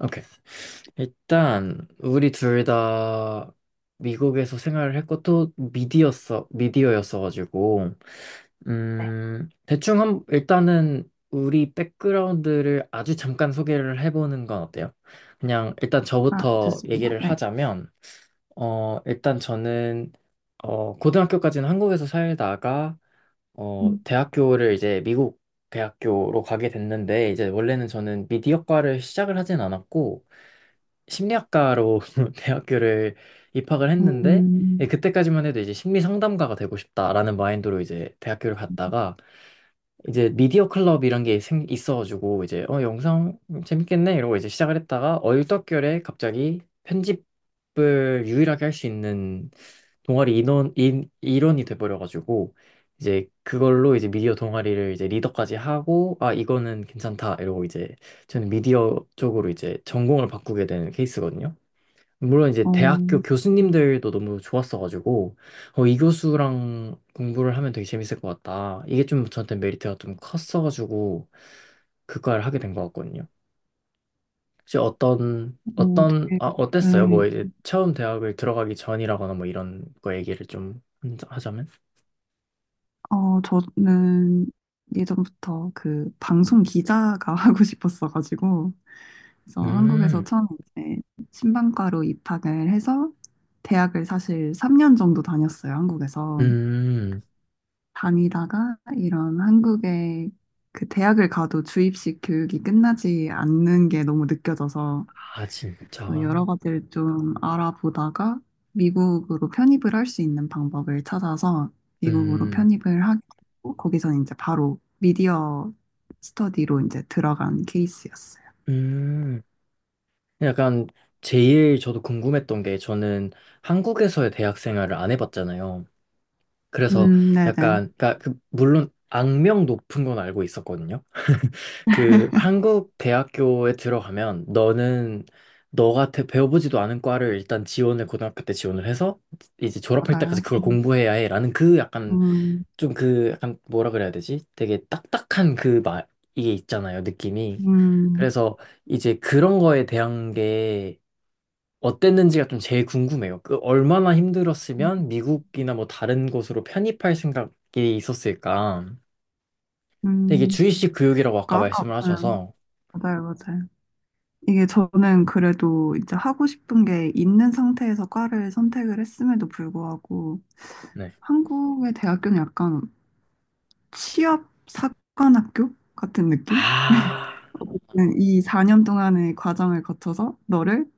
오케이. 일단 우리 둘 다 미국에서 생활을 했고 또 미디어였어가지고, 네. 대충 한 일단은 우리 백그라운드를 아주 잠깐 소개를 해보는 건 어때요? 그냥 일단 아, 저부터 좋습니다. 얘기를 네. 하자면, 일단 저는 고등학교까지는 한국에서 살다가, 음. 대학교를 이제 미국 대학교로 가게 됐는데, 이제 원래는 저는 미디어과를 시작을 하진 않았고, 심리학과로 대학교를 입학을 했는데, 예, 음, 그때까지만 해도 이제 심리 상담가가 되고 싶다라는 마인드로 이제 대학교를 갔다가, 이제 미디어 클럽 이런 게 있어가지고 이제 영상 재밌겠네 이러고 이제 시작을 했다가, 얼떨결에 갑자기 편집을 유일하게 할 수 있는 동아리 일원이 돼버려가지고 이제 그걸로 이제 미디어 동아리를 이제 리더까지 하고, 아 이거는 괜찮다 이러고 이제 저는 미디어 쪽으로 이제 전공을 바꾸게 되는 케이스거든요. 물론 이제 어, 대학교 교수님들도 너무 좋았어가지고, 이 교수랑 공부를 하면 되게 재밌을 것 같다, 이게 좀 저한테 메리트가 좀 컸어가지고 그를 하게 된 것 같거든요. 혹시 어떤 어, 어떤 아 되게, 어땠어요? 뭐 네. 이제 처음 대학을 들어가기 전이라거나 뭐 이런 거 얘기를 좀 하자면. 저는 예전부터 그 방송 기자가 하고 싶었어가지고, 그래서 한국에서 음. 처음 이제 신방과로 입학을 해서 대학을 사실 3년 정도 다녔어요, 한국에서. 음. 다니다가 이런 한국의 그 대학을 가도 주입식 교육이 끝나지 않는 게 너무 느껴져서 아, 진짜? 또 여러 가지를 좀 알아보다가 미국으로 편입을 할 수 있는 방법을 찾아서 미국으로 음. 편입을 하고 거기서 이제 바로 미디어 스터디로 이제 들어간 케이스였어요. 음. 약간 제일 저도 궁금했던 게, 저는 한국에서의 대학 생활을 안 해봤잖아요. 그래서 네네. 약간 그러니까 그 물론 악명 높은 건 알고 있었거든요. 그 한국 대학교에 들어가면 너는 너 같아 배워보지도 않은 과를 일단 지원을 고등학교 때 지원을 해서 이제 졸업할 때까지 맞아요. 그걸 공부해야 해라는, 그 약간 음, 뭐라 그래야 되지? 되게 딱딱한 그 말, 이게 있잖아요, 느낌이. 음, 그래서 이제 그런 거에 대한 게 어땠는지가 좀 제일 궁금해요. 그 얼마나 힘들었으면 미국이나 뭐 다른 곳으로 편입할 생각이 있었을까? 근데 이게 음. 주입식 교육이라고 아까 그러니까 아까, 말씀을 음, 하셔서. 맞아요, 맞아요. 이게 저는 그래도 이제 하고 싶은 게 있는 상태에서 과를 선택을 했음에도 불구하고 네. 한국의 대학교는 약간 취업 사관학교 같은 느낌? 아, 어쨌든 이 4년 동안의 과정을 거쳐서 너를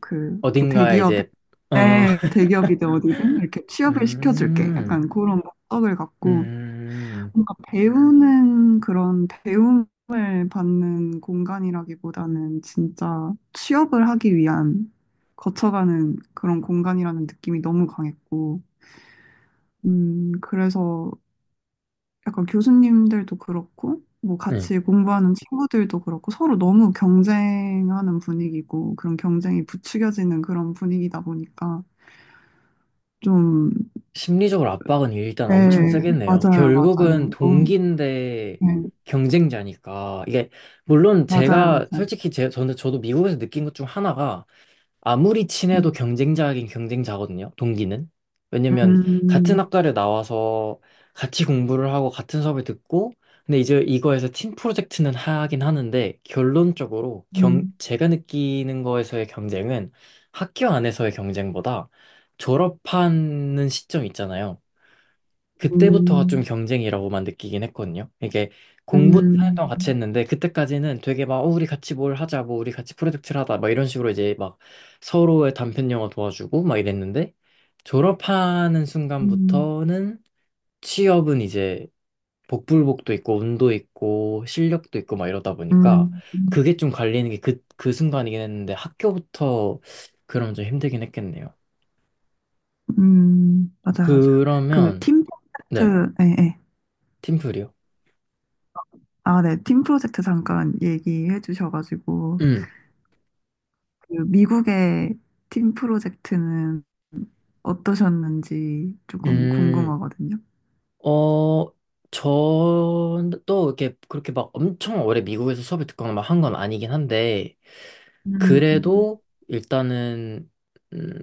그 뭐 어딘가에 대기업에 이제. 어, 네, 대기업이든 어디든 이렇게 취업을 시켜줄게. 음. 약간 그런 목적을 갖고 음. 뭔가 배우는 그런 배움을 받는 공간이라기보다는 진짜 취업을 하기 위한 거쳐가는 그런 공간이라는 느낌이 너무 강했고, 그래서 약간 교수님들도 그렇고, 뭐 네. 같이 공부하는 친구들도 그렇고, 서로 너무 경쟁하는 분위기고, 그런 경쟁이 부추겨지는 그런 분위기다 보니까, 좀, 심리적으로 압박은 일단 네, 엄청 세겠네요. 맞아요, 결국은 맞아요. 어, 동기인데 네, 경쟁자니까. 이게 물론 맞아요, 제가 맞아요. 솔직히 제 저는 저도 미국에서 느낀 것 중 하나가, 아무리 음, 친해도 경쟁자긴 경쟁자거든요, 동기는. 왜냐면 음, 같은 학과를 나와서 같이 공부를 하고 같은 수업을 듣고, 근데 이제 이거에서 팀 프로젝트는 하긴 하는데, 결론적으로 음, 제가 느끼는 거에서의 경쟁은, 학교 안에서의 경쟁보다 졸업하는 시점 있잖아요. 그때부터가 좀 경쟁이라고만 느끼긴 했거든요. 이게 공부는 한년 음, 동안 같이 했는데 그때까지는 되게 막 우리 같이 뭘 하자, 뭐 우리 같이 프로젝트를 하자, 막 이런 식으로 이제 막 서로의 단편 영어 도와주고 막 이랬는데, 졸업하는 음, 순간부터는 취업은 이제 복불복도 있고 운도 있고 실력도 있고 막 이러다 보니까 음, 그게 좀 갈리는 게 그 순간이긴 했는데 학교부터 그럼 좀 힘들긴 했겠네요. 맞아요, 맞아요. 그 그러면. 팀 네, 프로젝트, 예, 예. 팀플이요. 아, 네, 팀 프로젝트 잠깐 얘기해 주셔가지고, 음. 그 미국의 팀 프로젝트는 어떠셨는지 조금 음. 궁금하거든요. 어, 저도 이렇게 그렇게 막 엄청 오래 미국에서 수업을 듣거나 막 한 건 아니긴 한데, 음, 그래도 일단은, 음,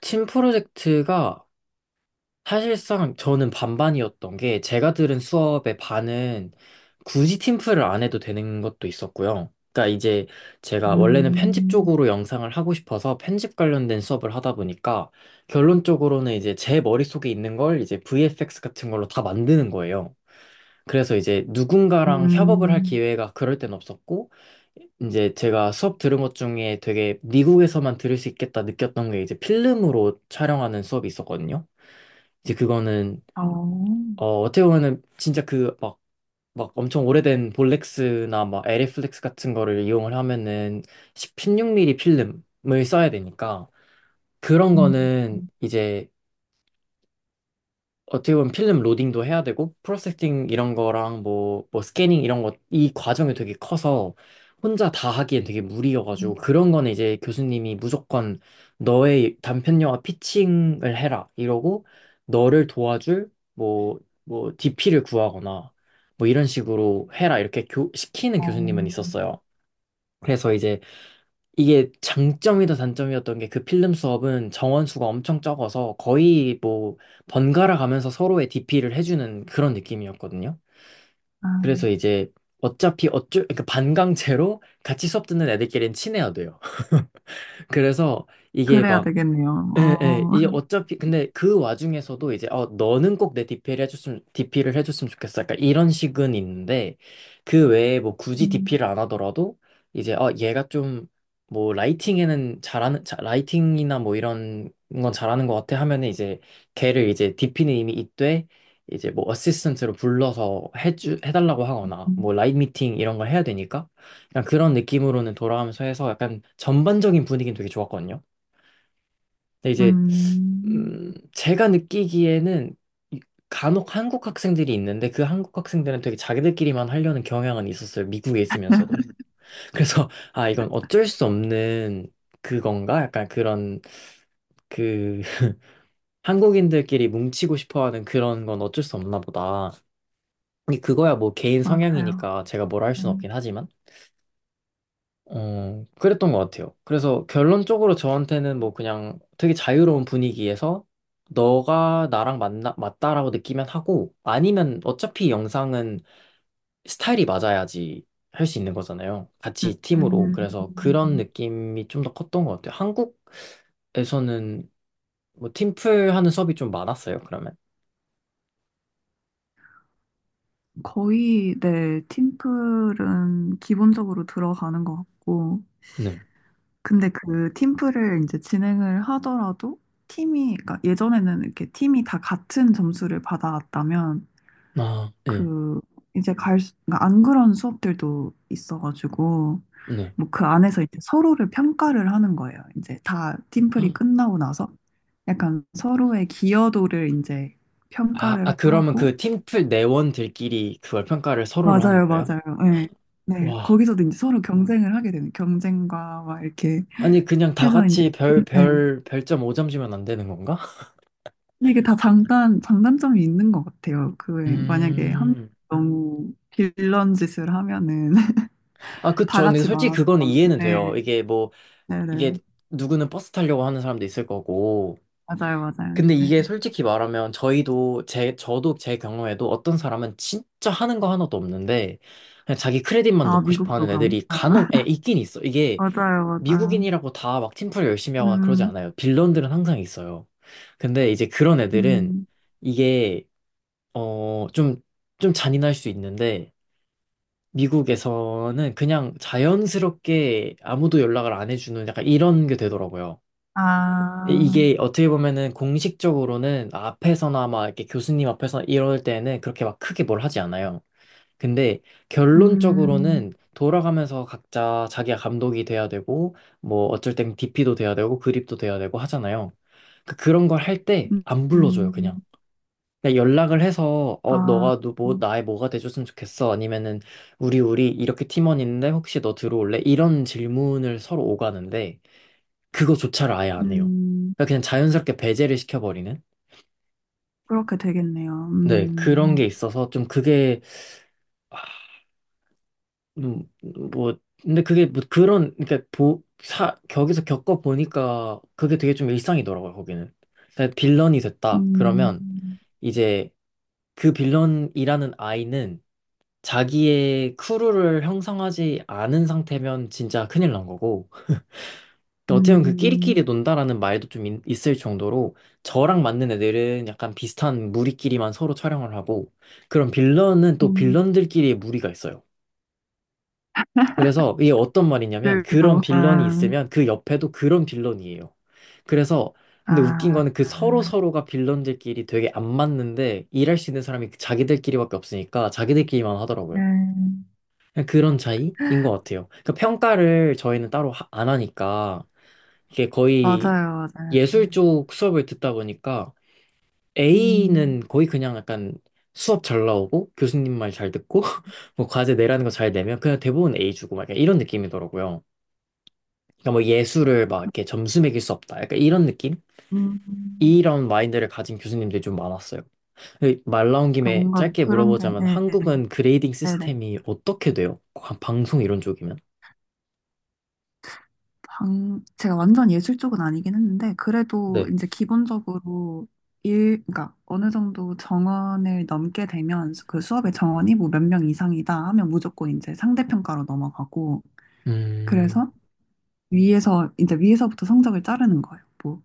팀 프로젝트가 사실상 저는 반반이었던 게, 제가 들은 수업의 반은 굳이 팀플을 안 해도 되는 것도 있었고요. 그러니까 이제 제가 원래는 편집 음, 쪽으로 영상을 하고 싶어서 편집 관련된 수업을 하다 보니까 결론적으로는 이제 제 머릿속에 있는 걸 이제 VFX 같은 걸로 다 만드는 거예요. 그래서 이제 누군가랑 협업을 할 음, 기회가 그럴 땐 없었고, 이제 제가 수업 들은 것 중에 되게 미국에서만 들을 수 있겠다 느꼈던 게, 이제 필름으로 촬영하는 수업이 있었거든요. 이제 그거는 어, 어떻게 보면은 진짜 그 막 엄청 오래된 볼렉스나 막 에리플렉스 같은 거를 이용을 하면은 16 mm 필름을 써야 되니까 그런 음, 거는 이제 어떻게 보면 필름 로딩도 해야 되고 프로세싱 이런 거랑 뭐 스캐닝 이런 거 이 과정이 되게 커서 혼자 다 하기엔 되게 무리여가지고 음, 그런 거는 이제 교수님이 무조건 너의 단편 영화 피칭을 해라 이러고 너를 도와줄 뭐 DP를 구하거나 뭐 이런 식으로 해라 이렇게 시키는 어, 교수님은 있었어요. 그래서 이제 이게 장점이다 단점이었던 게, 그 필름 수업은 정원 수가 엄청 적어서 거의 뭐 번갈아 가면서 서로의 DP를 해주는 그런 느낌이었거든요. 아, 그래서 이제 어차피 어쩔 그러니까 반강제로 같이 수업 듣는 애들끼리는 친해야 돼요. 그래서 이게 그래야 되겠네요. 예, 예. 이 어차피 근데 그 와중에서도 이제 너는 꼭 내 DP를 해줬으면 좋겠어, 약간 이런 식은 있는데, 그 외에 뭐 굳이 DP를 음, 안 하더라도 이제 얘가 좀 뭐 라이팅이나 뭐 이런 건 잘하는 것 같아 하면은 이제 걔를 이제 DP는 이미 있되 이제 뭐 어시스턴트로 불러서 해주 해달라고 하거나 뭐 라인 미팅 이런 걸 해야 되니까 그냥 그런 느낌으로는 돌아가면서 해서 약간 전반적인 분위기는 되게 좋았거든요. 근데 이제 음, 제가 느끼기에는 이- 간혹 한국 학생들이 있는데, 그 한국 학생들은 되게 자기들끼리만 하려는 경향은 있었어요, 미국에 있으면서도. 그래서 아, 이건 어쩔 수 없는 그건가? 약간 그런, 그 한국인들끼리 뭉치고 싶어하는 그런 건 어쩔 수 없나 보다. 근데 그거야 뭐 개인 맞아요. 성향이니까 제가 뭐라 할 수는 음, 없긴 하지만. 그랬던 것 같아요. 그래서 결론적으로 저한테는 뭐 그냥 되게 자유로운 분위기에서 너가 나랑 맞나, 맞다라고 느끼면 하고 아니면, 어차피 영상은 스타일이 맞아야지 할 수 있는 거잖아요, 같이 팀으로. 음, 그래서 그런 느낌이 좀 더 컸던 것 같아요. 한국에서는 뭐 팀플 하는 수업이 좀 많았어요, 그러면? 거의, 네, 팀플은 기본적으로 들어가는 것 같고, 네. 근데 그 팀플을 이제 진행을 하더라도 팀이, 그러니까 예전에는 이렇게 팀이 다 같은 점수를 받아왔다면 아, 네. 그 이제 그러니까 안 그런 수업들도 있어가지고 네. 뭐 그 안에서 이제 서로를 평가를 하는 거예요. 이제 다 팀플이 끝나고 나서 약간 서로의 기여도를 이제 아, 아, 평가를 그러면 하고 그 팀플 내원들끼리 그걸 평가를 서로를 하는 맞아요, 거예요? 맞아요. 네. 네. 와. 거기서도 이제 서로 경쟁을 하게 되는 경쟁과 막 이렇게 아니, 그냥 다 해서 이제 같이 네. 별점 5점 주면 안 되는 건가? 근데 이게 다 장단점이 있는 것 같아요. 그, 만약에 음. 너무 빌런 짓을 하면은 아, 그쵸. 다 근데 같이 솔직히 망하는 그건 거는. 이해는 돼요. 네, 네, 네. 이게 누구는 버스 타려고 하는 사람도 있을 거고. 맞아요, 맞아요. 근데 네. 이게 솔직히 말하면 저희도, 저도 제 경우에도 어떤 사람은 진짜 하는 거 하나도 없는데, 그냥 자기 크레딧만 아, 넣고 싶어 미국도 하는 그럼. 애들이 아, 간혹, 있긴 있어. 이게 맞아요, 맞아요. 미국인이라고 다 막 팀플 열심히 하거나 그러지 음, 않아요. 빌런들은 항상 있어요. 근데 이제 그런 애들은 음, 이게 어, 좀, 좀 잔인할 수 있는데, 미국에서는 그냥 자연스럽게 아무도 연락을 안 해주는 약간 이런 게 되더라고요. 아, 게 어떻게 보면은 공식적으로는 앞에서나 막 이렇게 교수님 앞에서 이럴 때는 그렇게 막 크게 뭘 하지 않아요. 근데 음, 결론적으로는 돌아가면서 각자 자기가 감독이 돼야 되고, 뭐 어쩔 땐 DP도 돼야 되고, 그립도 돼야 되고 하잖아요. 그런 걸 할 때 음, 안 불러줘요, 그냥. 음, 그냥 연락을 해서 아, 너가 너뭐 나의 뭐가 돼줬으면 좋겠어 아니면은 우리 이렇게 팀원 있는데 혹시 너 들어올래? 이런 질문을 서로 오가는데 그거조차를 아예 안 해요. 음. 그러니까 그냥 자연스럽게 배제를 시켜버리는. 그렇게 되겠네요. 네. 그런 게 있어서 좀 그게. 아, 음, 뭐, 근데 그게 뭐 그런 그러니까 거기서 겪어 보니까 그게 되게 좀 일상이더라고요, 거기는. 그러니까 빌런이 됐다 그러면 음, 이제 그 빌런이라는 아이는 자기의 크루를 형성하지 않은 상태면 진짜 큰일 난 거고, 근데 어떻게 보면 그 끼리끼리 음, 논다라는 말도 좀 있을 정도로 저랑 맞는 애들은 약간 비슷한 무리끼리만 서로 촬영을 하고, 그런 빌런은 또 음, 빌런들끼리의 무리가 있어요. 그래서 이게 어떤 말이냐면 그런 빌런이 아, 있으면 그 옆에도 그런 빌런이에요. 그래서 근데 웃긴 아, 거는 그 서로 서로가 빌런들끼리 되게 안 맞는데 일할 수 있는 사람이 자기들끼리밖에 없으니까 자기들끼리만 하더라고요. 네. 그냥 그런 차이인 것 같아요. 그 평가를 저희는 따로 안 하니까, 이게 거의 맞아요, 맞아요. 예술 쪽 수업을 듣다 보니까 A는 음, 거의 그냥 약간 수업 잘 나오고 교수님 말 잘 듣고 뭐 과제 내라는 거 잘 내면 그냥 대부분 A 주고 막 약간 이런 느낌이더라고요. 그러니까 뭐 예술을 막 이렇게 점수 매길 수 없다, 약간 이런 느낌? 음, 음. 이런 마인드를 가진 교수님들이 좀 많았어요. 근데 말 나온 그러니까 김에 뭔가 짧게 그런 게, 물어보자면 네, 한국은 그레이딩 네, 네. 시스템이 어떻게 돼요? 방송 이런 쪽이면? 제가 완전 예술 쪽은 아니긴 했는데, 그래도 네. 이제 기본적으로 그러니까 어느 정도 정원을 넘게 되면 그 수업의 정원이 뭐 몇 명 이상이다 하면 무조건 이제 상대평가로 넘어가고, 음. 그래서 이제 위에서부터 성적을 자르는 거예요. 뭐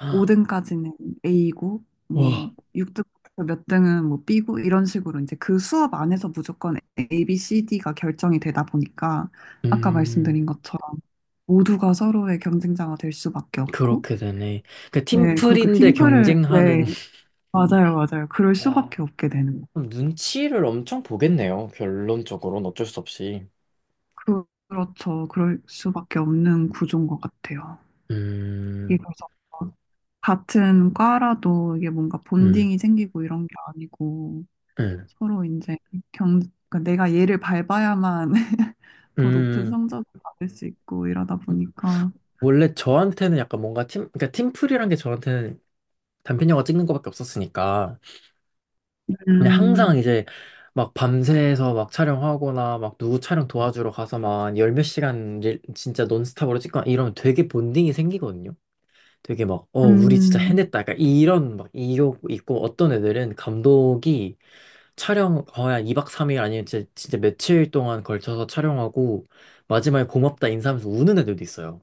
헉. 5등까지는 A고 뭐 와. 6등부터 몇 등은 뭐 B고 이런 식으로 이제 그 수업 안에서 무조건 A, B, C, D가 결정이 되다 보니까 아까 음. 말씀드린 것처럼 모두가 서로의 경쟁자가 될 수밖에 없고 그렇게 되네. 그 네, 그렇게 팀플인데 팀플을 경쟁하는, 네, 맞아요, 맞아요. 그럴 수밖에 와, 없게 되는 거. 그럼 눈치를 엄청 보겠네요, 결론적으로는 어쩔 수 없이. 그, 그렇죠. 그럴 수밖에 없는 구조인 것 같아요. 이게 음. 그래서 같은 과라도 이게 뭔가 음. 본딩이 생기고 이런 게 아니고 음. 서로 이제 경, 그러니까 내가 얘를 밟아야만 더 높은 음. 성적을 받을 수 있고 이러다 보니까. 원래 저한테는 약간 뭔가 그러니까 팀플이란 게 저한테는 단편 영화 찍는 거밖에 없었으니까. 그냥 항상 음, 이제 막 밤새서 막 촬영하거나 막 누구 촬영 도와주러 가서 막 열 몇 시간 진짜 논스톱으로 찍거나 이러면 되게 본딩이 생기거든요. 되게 막 우리 진짜 음, 해냈다, 약간 이런 막 이욕 있고, 어떤 애들은 감독이 촬영 거의 한 2박 3일 아니면 진짜, 진짜 며칠 동안 걸쳐서 촬영하고 마지막에 고맙다 인사하면서 우는 애들도 있어요.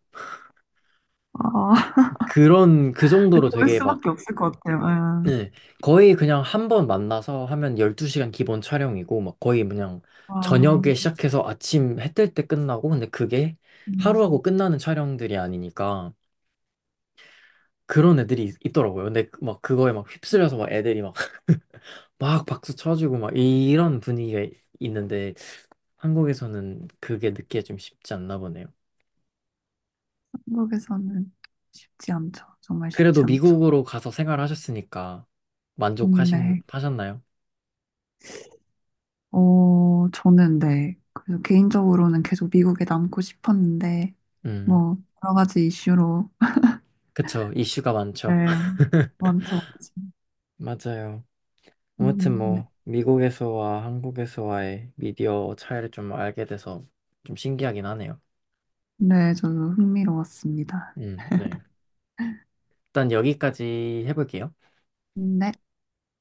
아, 그 근데 정도로 그럴 되게 막, 수밖에 없을 것 같아요. 예. 예. 거의 그냥 한 번 만나서 하면 12시간 기본 촬영이고 막 거의 그냥 아 저녁에 시작해서 아침 해뜰 때 끝나고. 근데 그게 하루하고 음, 끝나는 촬영들이 아니니까 그런 애들이 더라고요. 근데 막 그거에 막 휩쓸려서 막 애들이 막 박수 쳐주고 막 이런 분위기가 있는데, 한국에서는 그게 느끼기 좀 쉽지 않나 보네요. 한국에서는 쉽지 않죠. 정말 그래도 쉽지 않죠. 미국으로 가서 생활하셨으니까 만족하신 네. 하셨나요? 저는 네. 그래서 개인적으로는 계속 미국에 남고 싶었는데, 음. 뭐, 여러 가지 이슈로. 그쵸, 이슈가 네. 많죠. 많죠, 많죠. 맞아요. 아무튼 네. 뭐 미국에서와 한국에서와의 미디어 차이를 좀 알게 돼서 좀 신기하긴 하네요. 네, 저도 흥미로웠습니다. 음. 네. 일단 여기까지 해볼게요. 네.